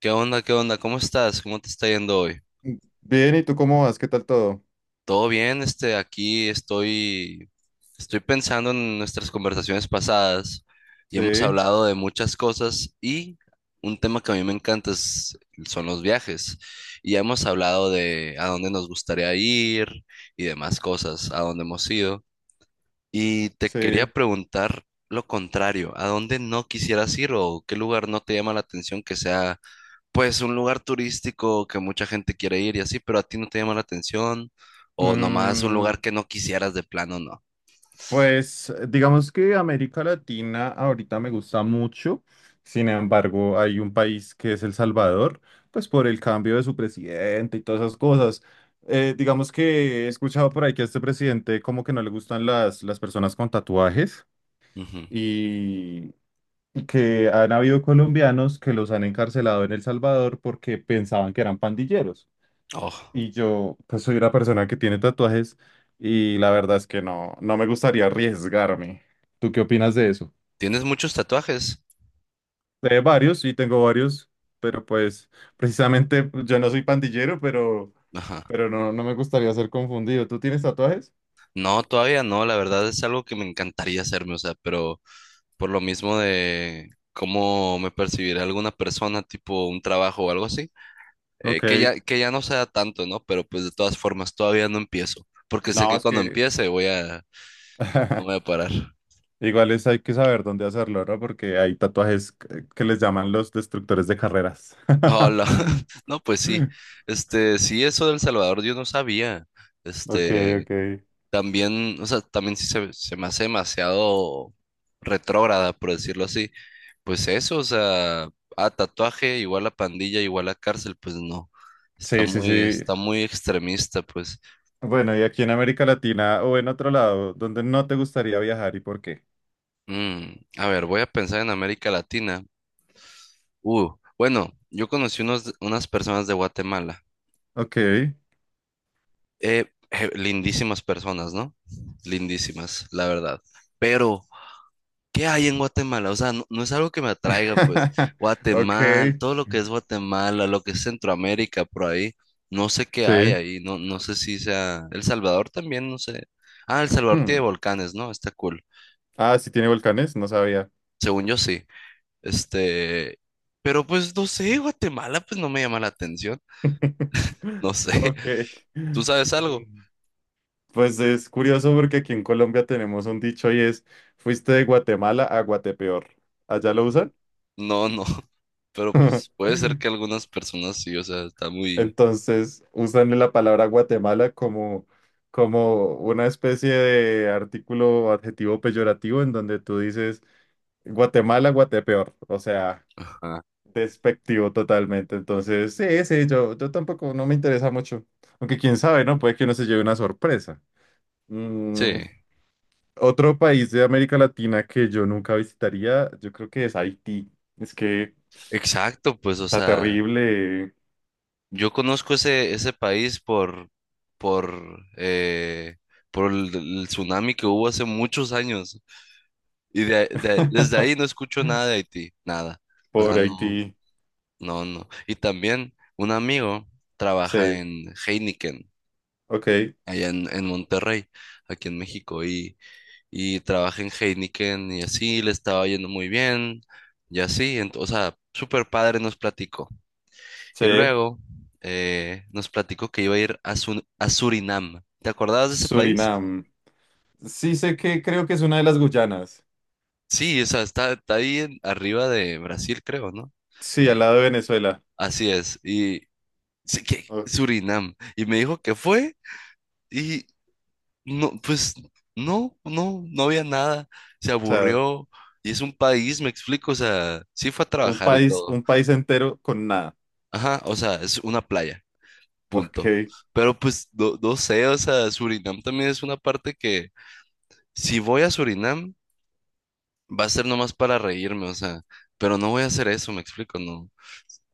¿Qué onda? ¿Qué onda? ¿Cómo estás? ¿Cómo te está yendo hoy? Bien, ¿y tú cómo vas? ¿Qué tal todo? ¿Todo bien? Aquí estoy pensando en nuestras conversaciones pasadas y hemos Sí, hablado de muchas cosas, y un tema que a mí me encanta son los viajes. Y ya hemos hablado de a dónde nos gustaría ir y demás cosas, a dónde hemos ido. Y te quería sí. preguntar lo contrario: ¿a dónde no quisieras ir o qué lugar no te llama la atención, que sea pues un lugar turístico que mucha gente quiere ir y así, pero a ti no te llama la atención, o nomás un Mm, lugar que no quisieras de plano? No. pues digamos que América Latina ahorita me gusta mucho. Sin embargo, hay un país que es El Salvador, pues por el cambio de su presidente y todas esas cosas. Digamos que he escuchado por ahí que a este presidente como que no le gustan las personas con tatuajes Ujú. y que han habido colombianos que los han encarcelado en El Salvador porque pensaban que eran pandilleros. Oh, Y yo, pues soy una persona que tiene tatuajes y la verdad es que no, no me gustaría arriesgarme. ¿Tú qué opinas de eso? ¿tienes muchos tatuajes? Varios, sí, tengo varios, pero pues precisamente pues, yo no soy pandillero, Ajá. pero no, no me gustaría ser confundido. ¿Tú tienes tatuajes? No, todavía no, la verdad es algo que me encantaría hacerme, o sea, pero por lo mismo de cómo me percibirá alguna persona, tipo un trabajo o algo así, Ok, que ya no sea tanto, ¿no? Pero pues de todas formas todavía no empiezo, porque sé no, que es cuando que empiece voy a, no voy a parar. igual es, hay que saber dónde hacerlo, ¿no? Porque hay tatuajes que les llaman los destructores de carreras. Hola, no, pues sí, sí, eso del Salvador yo no sabía, Ok, este, ok. también, o sea, también sí se me hace demasiado retrógrada, por decirlo así, pues eso, o sea, a tatuaje igual a pandilla, igual a cárcel, pues no, está Sí, sí, muy, sí. está muy extremista, pues. Bueno, y aquí en América Latina o en otro lado, ¿dónde no te gustaría viajar y por qué? A ver, voy a pensar en América Latina, uh, bueno, yo conocí unas personas de Guatemala. Ok. Lindísimas personas, ¿no? Lindísimas, la verdad. Pero ¿qué hay en Guatemala? O sea, no, no es algo que me atraiga, pues. Ok. Guatemala, todo lo que es Guatemala, lo que es Centroamérica, por ahí. No sé qué hay Sí. ahí, no, no sé si sea... El Salvador también, no sé. Ah, El Salvador tiene Hmm. volcanes, ¿no? Está cool. Ah, sí tiene volcanes, no sabía. Según yo sí. Este... Pero pues no sé, Guatemala pues no me llama la atención. No sé. Ok. ¿Tú sabes algo? Mm, pues es curioso porque aquí en Colombia tenemos un dicho y es, fuiste de Guatemala a Guatepeor. ¿Allá lo usan? No, no. Pero pues puede ser que algunas personas sí, o sea, está muy... Entonces usan la palabra Guatemala como, como una especie de artículo o adjetivo peyorativo en donde tú dices Guatemala, Guatepeor, o sea, Ajá. despectivo totalmente. Entonces, sí, sí, yo tampoco no me interesa mucho. Aunque quién sabe, ¿no? Puede que uno se lleve una sorpresa. Sí, Mm, otro país de América Latina que yo nunca visitaría, yo creo que es Haití. Es que exacto, pues, o está sea, terrible. yo conozco ese país por, eh, por el tsunami que hubo hace muchos años. Y desde ahí no escucho nada de Haití, nada. O sea, Por no, Haití. no, no. Y también un amigo trabaja Sí, en Heineken, ok. allá en Monterrey, aquí en México, y trabajé en Heineken y así, le estaba yendo muy bien y así, o sea, súper padre nos platicó. Sí, Y luego nos platicó que iba a ir a a Surinam. ¿Te acordabas de ese país? Surinam. Sí sé que creo que es una de las Guyanas. Sí, o sea, está, está ahí arriba de Brasil, creo, ¿no? Sí, al Y lado de Venezuela. así es, y sí que O Surinam. Y me dijo que fue y no, pues no, no, no había nada, se sea, aburrió. Y es un país, me explico, o sea, sí fue a un trabajar y país, todo. un país entero con nada. Ajá, o sea, es una playa, Ok, punto. Pero pues no, no sé, o sea, Surinam también es una parte que si voy a Surinam va a ser nomás para reírme, o sea, pero no voy a hacer eso, me explico, no.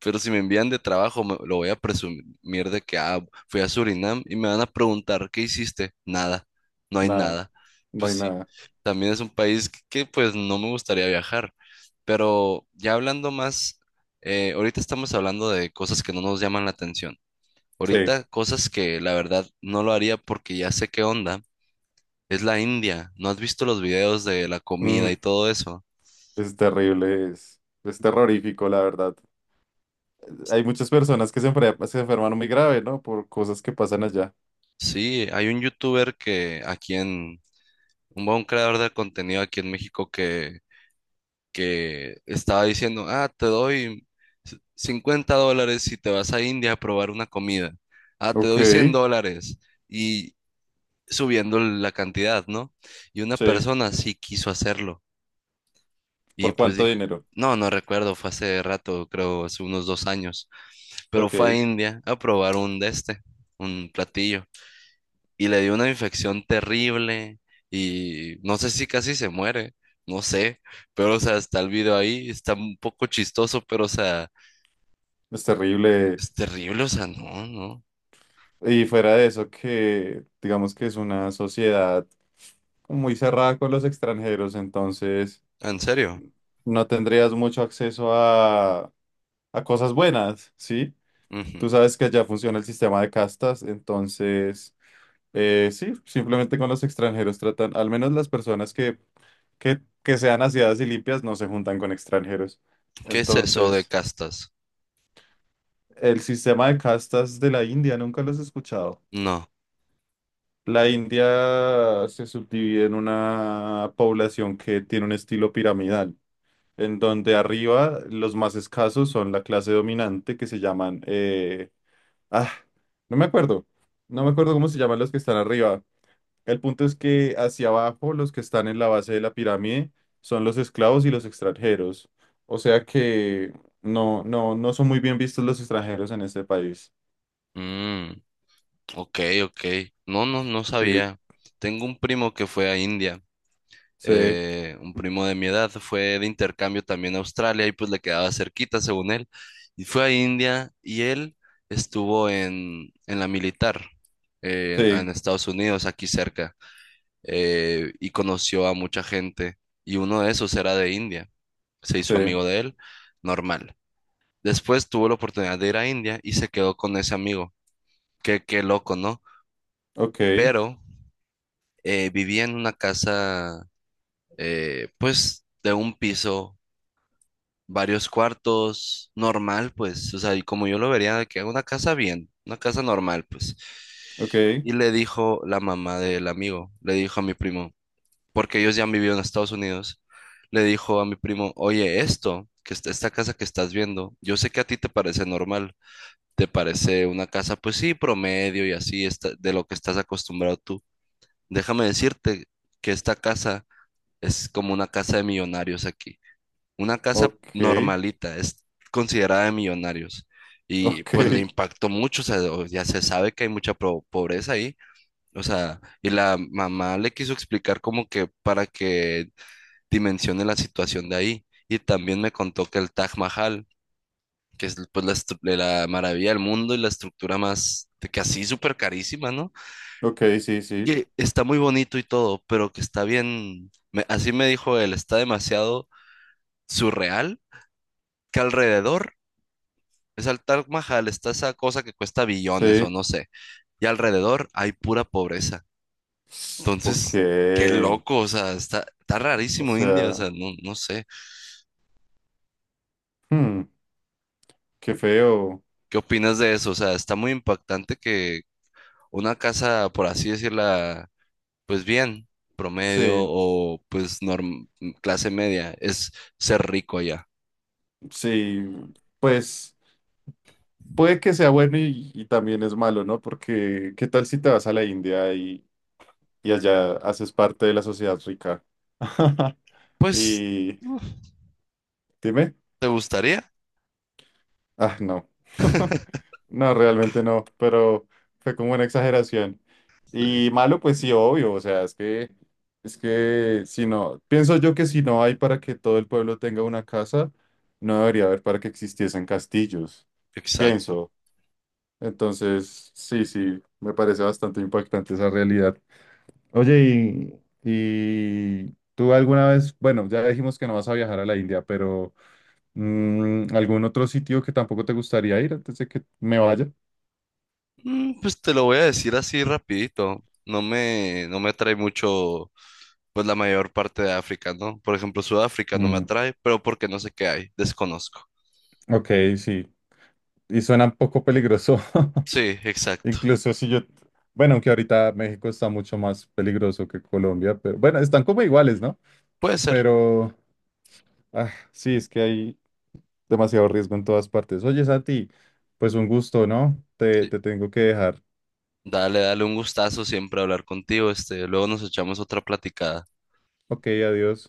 Pero si me envían de trabajo, lo voy a presumir de que ah, fui a Surinam y me van a preguntar ¿qué hiciste? Nada, no hay nada, nada. no Pues hay sí, nada. también es un país pues no me gustaría viajar. Pero ya hablando más, ahorita estamos hablando de cosas que no nos llaman la atención. Sí, Ahorita cosas que la verdad no lo haría porque ya sé qué onda. Es la India. ¿No has visto los videos de la comida y Mm, todo eso? es terrible, es terrorífico, la verdad. Hay muchas personas que se enferman muy grave, ¿no? Por cosas que pasan allá. Sí, hay un youtuber que aquí en, un buen creador de contenido aquí en México que estaba diciendo: ah, te doy $50 si te vas a India a probar una comida. Ah, te Ok, doy $100 y subiendo la cantidad, ¿no? Y una sí. persona sí quiso hacerlo. Y ¿Por pues cuánto dije, dinero? no, no recuerdo, fue hace rato, creo, hace unos 2 años, pero Ok, fue a es India a probar un platillo, y le dio una infección terrible, y no sé si casi se muere, no sé, pero o sea, está el video ahí, está un poco chistoso, pero o sea, terrible. es terrible, o sea, no, no, Y fuera de eso, que digamos que es una sociedad muy cerrada con los extranjeros, entonces en serio. no tendrías mucho acceso a cosas buenas, ¿sí? Ujú. Tú sabes que allá funciona el sistema de castas, entonces, sí, simplemente con los extranjeros tratan, al menos las personas que sean aseadas y limpias no se juntan con extranjeros. ¿Qué es eso de Entonces, castas? el sistema de castas de la India, nunca los he escuchado. No. La India se subdivide en una población que tiene un estilo piramidal, en donde arriba los más escasos son la clase dominante, que se llaman ah, no me acuerdo. No me acuerdo cómo se llaman los que están arriba. El punto es que hacia abajo, los que están en la base de la pirámide son los esclavos y los extranjeros. O sea que no, no, no son muy bien vistos los extranjeros en este país. Mm, ok, ok. No, no, no Sí, sabía. Tengo un primo que fue a India. sí, Eh, un primo de mi edad fue de intercambio también a Australia y pues le quedaba cerquita, según él, y fue a India. Y él estuvo en la militar, en sí, Estados Unidos, aquí cerca, y conoció a mucha gente y uno de esos era de India, se sí. hizo amigo de él, normal. Después tuvo la oportunidad de ir a India y se quedó con ese amigo, qué, qué loco, ¿no? Ok, Pero vivía en una casa, pues, de un piso, varios cuartos, normal, pues, o sea, y como yo lo vería, que haga una casa bien, una casa normal, pues. ok, Y le dijo la mamá del amigo, le dijo a mi primo, porque ellos ya han vivido en Estados Unidos, le dijo a mi primo: oye, esto, que esta casa que estás viendo, yo sé que a ti te parece normal, te parece una casa pues sí, promedio y así, está, de lo que estás acostumbrado tú. Déjame decirte que esta casa es como una casa de millonarios aquí. Una casa ok, normalita es considerada de millonarios. Y ok, pues le impactó mucho, o sea, ya se sabe que hay mucha pobreza ahí. O sea, y la mamá le quiso explicar como que para que dimensione la situación de ahí. Y también me contó que el Taj Mahal, que es pues de la maravilla del mundo y la estructura más, de que así súper carísima, ¿no? ok, sí, sí, Que está muy bonito y todo, pero que está bien, así me dijo él, está demasiado surreal que alrededor... Es al Taj Mahal, está esa cosa que cuesta billones o sí. no sé. Y alrededor hay pura pobreza. Ok. Entonces, qué loco, o sea, está O rarísimo India, o sea, sea, no, no sé. hmm, qué feo. ¿Qué opinas de eso? O sea, está muy impactante que una casa, por así decirla, pues bien, promedio Sí, o pues clase media, es ser rico allá. sí. Pues. Puede que sea bueno y también es malo, ¿no? Porque ¿qué tal si te vas a la India y allá haces parte de la sociedad rica? Pues, Y uf, dime, ¿te gustaría? ah, no, no, realmente no, pero fue como una exageración. Sí, Y malo, pues sí, obvio, o sea, es que si no, pienso yo que si no hay para que todo el pueblo tenga una casa, no debería haber para que existiesen castillos, exacto. pienso. Entonces, sí, sí, me parece bastante impactante esa realidad. Oye, y tú alguna vez, bueno, ya dijimos que no vas a viajar a la India, pero ¿algún otro sitio que tampoco te gustaría ir antes de que me vaya? Pues te lo voy a decir así rapidito. No me atrae mucho, pues la mayor parte de África, ¿no? Por ejemplo, Sudáfrica no me Mm, atrae, pero porque no sé qué hay, desconozco. ok, sí. Y suena un poco peligroso. Sí, exacto. Incluso si yo, bueno, aunque ahorita México está mucho más peligroso que Colombia, pero bueno, están como iguales, ¿no? Puede ser. Pero, ah, sí, es que hay, demasiado riesgo en todas partes. Oye, Sati, pues un gusto, ¿no? Te, Sí. te tengo que dejar. Dale, dale un gustazo siempre hablar contigo, luego nos echamos otra platicada. Ok, adiós.